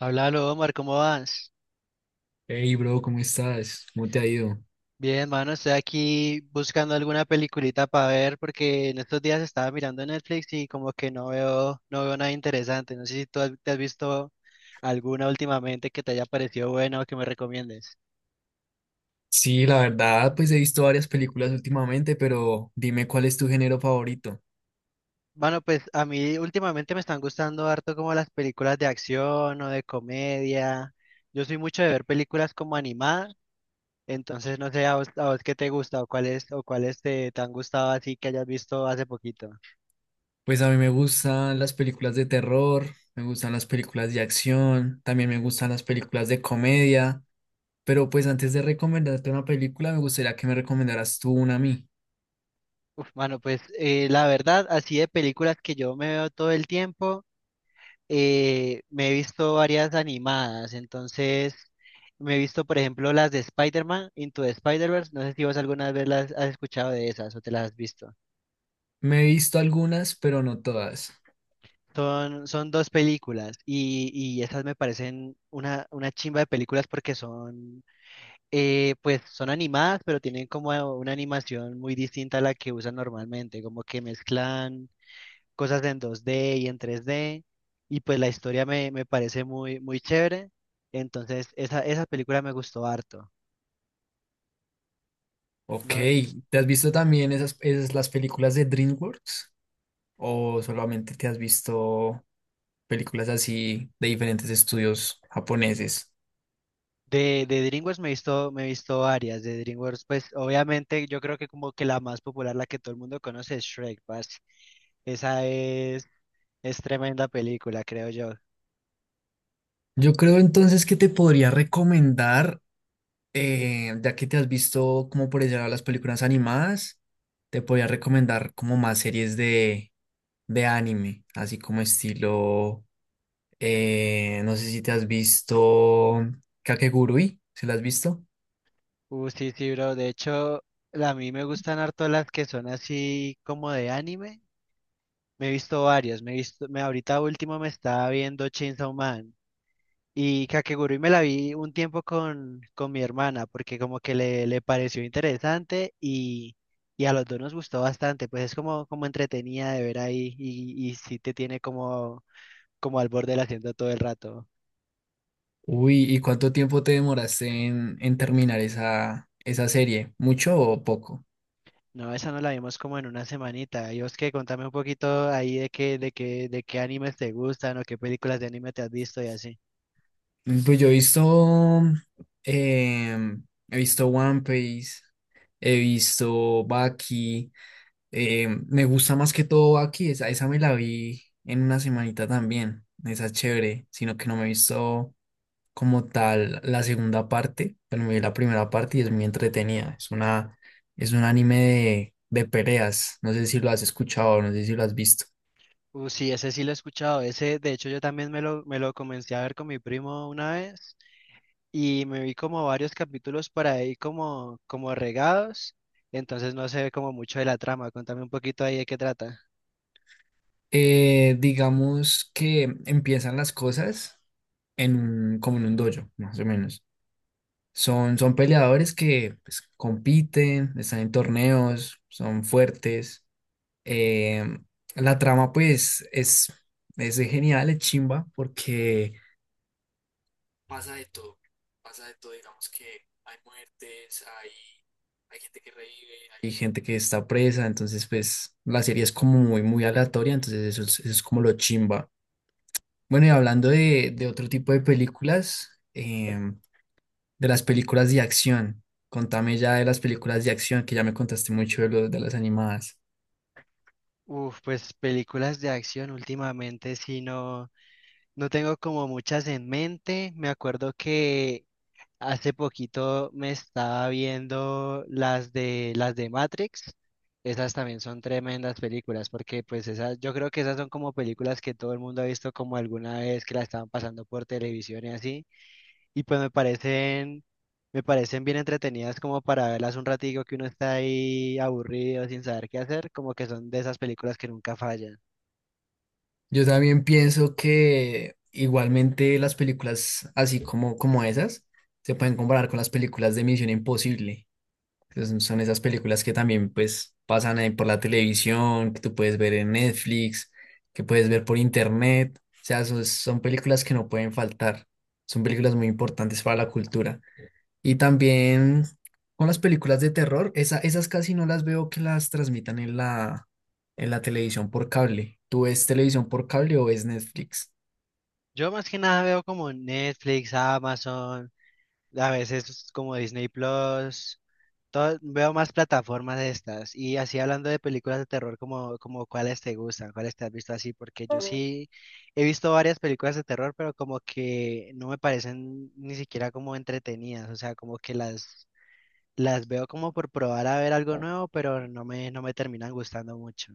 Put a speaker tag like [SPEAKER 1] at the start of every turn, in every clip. [SPEAKER 1] Háblalo, Omar, ¿cómo vas?
[SPEAKER 2] Hey, bro, ¿cómo estás? ¿Cómo te ha ido?
[SPEAKER 1] Bien, mano, estoy aquí buscando alguna peliculita para ver porque en estos días estaba mirando Netflix y como que no veo nada interesante. No sé si te has visto alguna últimamente que te haya parecido buena o que me recomiendes.
[SPEAKER 2] Sí, la verdad, pues he visto varias películas últimamente, pero dime cuál es tu género favorito.
[SPEAKER 1] Bueno, pues a mí últimamente me están gustando harto como las películas de acción o de comedia. Yo soy mucho de ver películas como animadas, entonces no sé a vos qué te gusta o cuáles te han gustado así que hayas visto hace poquito.
[SPEAKER 2] Pues a mí me gustan las películas de terror, me gustan las películas de acción, también me gustan las películas de comedia, pero pues antes de recomendarte una película, me gustaría que me recomendaras tú una a mí.
[SPEAKER 1] Uf, mano, pues la verdad, así de películas que yo me veo todo el tiempo, me he visto varias animadas, entonces me he visto, por ejemplo, las de Spider-Man, Into the Spider-Verse, no sé si vos alguna vez las has escuchado de esas o te las has visto.
[SPEAKER 2] Me he visto algunas, pero no todas.
[SPEAKER 1] Son dos películas y esas me parecen una chimba de películas porque son, pues son animadas, pero tienen como una animación muy distinta a la que usan normalmente, como que mezclan cosas en 2D y en 3D, y pues la historia me parece muy chévere, entonces esa película me gustó harto.
[SPEAKER 2] Ok,
[SPEAKER 1] No,
[SPEAKER 2] ¿te has visto también esas las películas de DreamWorks? ¿O solamente te has visto películas así de diferentes estudios japoneses?
[SPEAKER 1] de DreamWorks me he visto varias, de DreamWorks pues obviamente yo creo que como que la más popular, la que todo el mundo conoce es Shrek, parce. Esa es, es tremenda película, creo yo.
[SPEAKER 2] Yo creo entonces que te podría recomendar, ya que te has visto como por allá las películas animadas, te podría recomendar como más series de anime, así como estilo. No sé si te has visto Kakegurui, ¿se la has visto?
[SPEAKER 1] Sí, bro. De hecho, a mí me gustan harto las que son así como de anime. Me he visto varias. Me he visto, me ahorita último me estaba viendo Chainsaw Man. Y Kakegurui me la vi un tiempo con mi hermana, porque como que le pareció interesante y a los dos nos gustó bastante, pues es como, como entretenida de ver ahí y sí te tiene como, como al borde del asiento todo el rato.
[SPEAKER 2] Uy, ¿y cuánto tiempo te demoraste en, terminar esa serie? ¿Mucho o poco?
[SPEAKER 1] No, esa no la vimos como en una semanita. Y vos que contame un poquito ahí de qué animes te gustan o qué películas de anime te has visto y así.
[SPEAKER 2] Pues yo he visto, he visto One Piece, he visto Baki, me gusta más que todo Baki. Esa me la vi en una semanita también. Esa es chévere, sino que no me he visto como tal la segunda parte, pero me vi la primera parte y es muy entretenida. Es un anime de peleas, no sé si lo has escuchado, no sé si lo has visto.
[SPEAKER 1] Sí, ese sí lo he escuchado. Ese, de hecho, yo también me lo comencé a ver con mi primo una vez. Y me vi como varios capítulos por ahí como, como regados, entonces no sé como mucho de la trama, contame un poquito ahí de qué trata.
[SPEAKER 2] Digamos que empiezan las cosas en como en un dojo, más o menos. Son peleadores que pues compiten, están en torneos, son fuertes. Eh, la trama pues es genial, es chimba, porque pasa de todo, pasa de todo. Digamos que hay muertes, hay gente que revive, hay gente que está presa, entonces pues la serie es como muy, muy aleatoria, entonces eso es como lo chimba. Bueno, y hablando de, otro tipo de películas, de las películas de acción, contame ya de las películas de acción, que ya me contaste mucho de las animadas.
[SPEAKER 1] Uf, pues películas de acción últimamente sí no, no tengo como muchas en mente. Me acuerdo que hace poquito me estaba viendo las de Matrix. Esas también son tremendas películas, porque pues esas, yo creo que esas son como películas que todo el mundo ha visto como alguna vez que la estaban pasando por televisión y así. Y pues me parecen bien entretenidas como para verlas un ratico que uno está ahí aburrido sin saber qué hacer, como que son de esas películas que nunca fallan.
[SPEAKER 2] Yo también pienso que igualmente las películas así como esas se pueden comparar con las películas de Misión Imposible. Entonces, son esas películas que también pues pasan ahí por la televisión, que tú puedes ver en Netflix, que puedes ver por internet. O sea, son películas que no pueden faltar. Son películas muy importantes para la cultura. Y también con las películas de terror, esas casi no las veo que las transmitan en la, televisión por cable. ¿Tú ves televisión por cable o ves Netflix?
[SPEAKER 1] Yo más que nada veo como Netflix, Amazon, a veces como Disney Plus, veo más plataformas de estas. Y así hablando de películas de terror, como, como cuáles te gustan, cuáles te has visto así, porque yo sí he visto varias películas de terror, pero como que no me parecen ni siquiera como entretenidas, o sea, como que las veo como por probar a ver algo nuevo, pero no me terminan gustando mucho.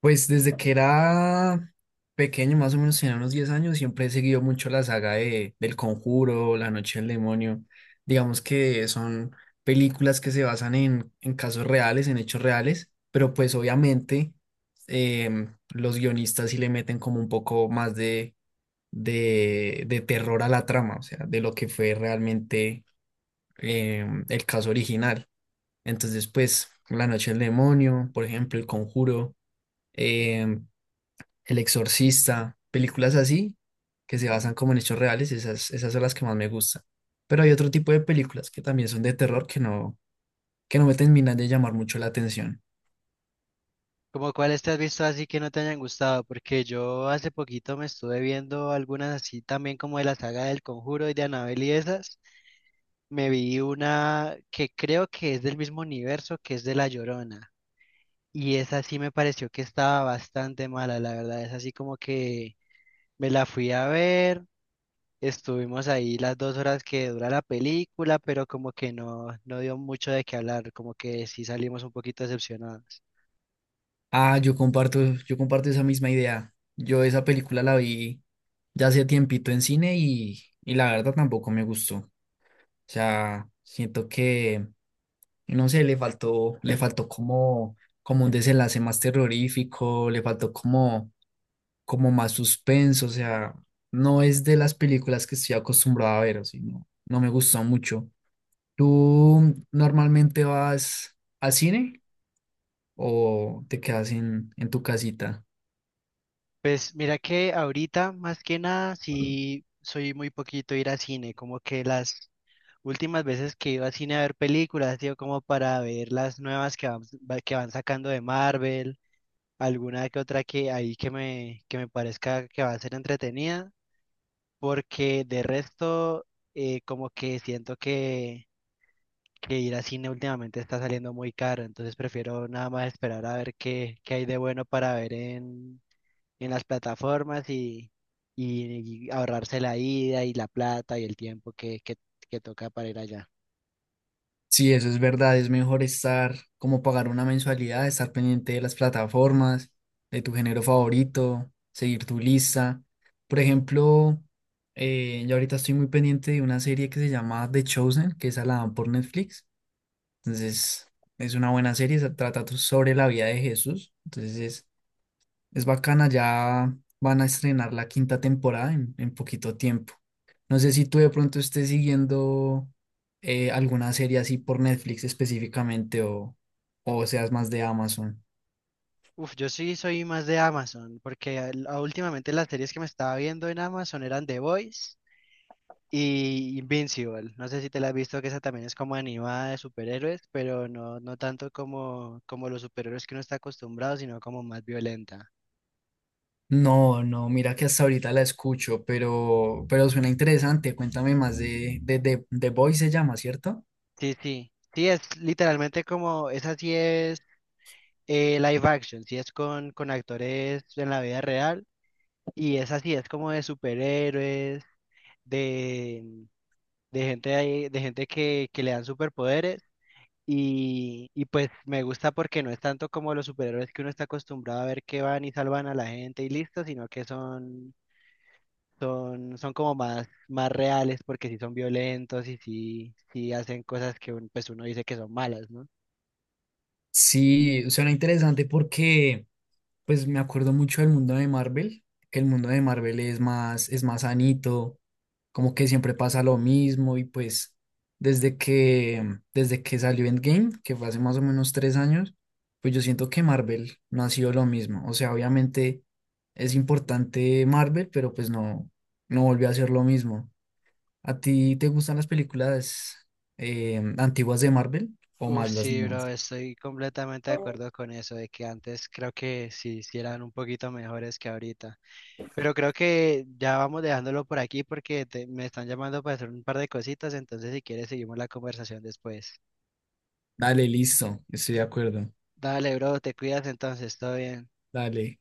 [SPEAKER 2] Pues desde que era pequeño, más o menos tenía unos 10 años, siempre he seguido mucho la saga del Conjuro, La Noche del Demonio. Digamos que son películas que se basan en casos reales, en hechos reales, pero pues obviamente los guionistas sí le meten como un poco más de de terror a la trama, o sea, de lo que fue realmente, el caso original. Entonces, pues, La Noche del Demonio, por ejemplo, El Conjuro, eh, El Exorcista, películas así que se basan como en hechos reales. Esas son las que más me gustan. Pero hay otro tipo de películas que también son de terror que no me terminan de llamar mucho la atención.
[SPEAKER 1] ¿Como cuáles te has visto así que no te hayan gustado? Porque yo hace poquito me estuve viendo algunas así también como de la saga del Conjuro y de Annabelle y esas. Me vi una que creo que es del mismo universo que es de La Llorona. Y esa sí me pareció que estaba bastante mala, la verdad. Es así como que me la fui a ver. Estuvimos ahí las dos horas que dura la película, pero como que no, no dio mucho de qué hablar, como que sí salimos un poquito decepcionados.
[SPEAKER 2] Ah, yo comparto esa misma idea. Yo esa película la vi ya hace tiempito en cine y la verdad tampoco me gustó. O sea, siento que, no sé, le faltó como, como, un desenlace más terrorífico, le faltó como, como más suspenso. O sea, no es de las películas que estoy acostumbrado a ver, o sea, no me gustó mucho. ¿Tú normalmente vas al cine o te quedas en tu casita?
[SPEAKER 1] Pues mira que ahorita, más que nada, sí soy muy poquito ir a cine, como que las últimas veces que iba a cine a ver películas, ha como para ver las nuevas que van, que van sacando de Marvel, alguna que otra que ahí que que me parezca que va a ser entretenida, porque de resto, como que siento que ir a cine últimamente está saliendo muy caro, entonces prefiero nada más esperar a ver qué hay de bueno para ver en las plataformas y ahorrarse la ida y la plata y el tiempo que toca para ir allá.
[SPEAKER 2] Sí, eso es verdad. Es mejor estar como pagar una mensualidad, estar pendiente de las plataformas, de tu género favorito, seguir tu lista. Por ejemplo, yo ahorita estoy muy pendiente de una serie que se llama The Chosen, que esa la dan por Netflix. Entonces, es una buena serie, se trata sobre la vida de Jesús. Entonces, es bacana, ya van a estrenar la quinta temporada en poquito tiempo. No sé si tú de pronto estés siguiendo, alguna serie así por Netflix específicamente o seas más de Amazon.
[SPEAKER 1] Uf, yo sí soy más de Amazon, porque últimamente las series que me estaba viendo en Amazon eran The Boys y Invincible. No sé si te la has visto, que esa también es como animada de superhéroes, pero no, no tanto como, como los superhéroes que uno está acostumbrado, sino como más violenta.
[SPEAKER 2] No, no, mira que hasta ahorita la escucho, pero suena interesante. Cuéntame más de The Boy, se llama, ¿cierto?
[SPEAKER 1] Sí, es literalmente como, esa sí es live action, sí es con actores en la vida real y esa sí es como de superhéroes, de, de gente, de gente que le dan superpoderes y pues me gusta porque no es tanto como los superhéroes que uno está acostumbrado a ver que van y salvan a la gente y listo, sino que son, son como más reales porque sí son violentos y sí hacen cosas que pues uno dice que son malas, ¿no?
[SPEAKER 2] Sí, suena interesante porque pues me acuerdo mucho del mundo de Marvel, que el mundo de Marvel es más sanito, como que siempre pasa lo mismo y pues desde que, desde que salió Endgame, que fue hace más o menos 3 años, pues yo siento que Marvel no ha sido lo mismo. O sea, obviamente es importante Marvel, pero pues no volvió a ser lo mismo. ¿A ti te gustan las películas, antiguas de Marvel o
[SPEAKER 1] Uf,
[SPEAKER 2] más las
[SPEAKER 1] sí, bro,
[SPEAKER 2] nuevas?
[SPEAKER 1] estoy completamente de acuerdo con eso, de que antes creo que sí, sí eran un poquito mejores que ahorita. Pero creo que ya vamos dejándolo por aquí porque me están llamando para hacer un par de cositas, entonces si quieres seguimos la conversación después.
[SPEAKER 2] Dale, listo, estoy de acuerdo.
[SPEAKER 1] Dale, bro, te cuidas entonces, todo bien.
[SPEAKER 2] Dale.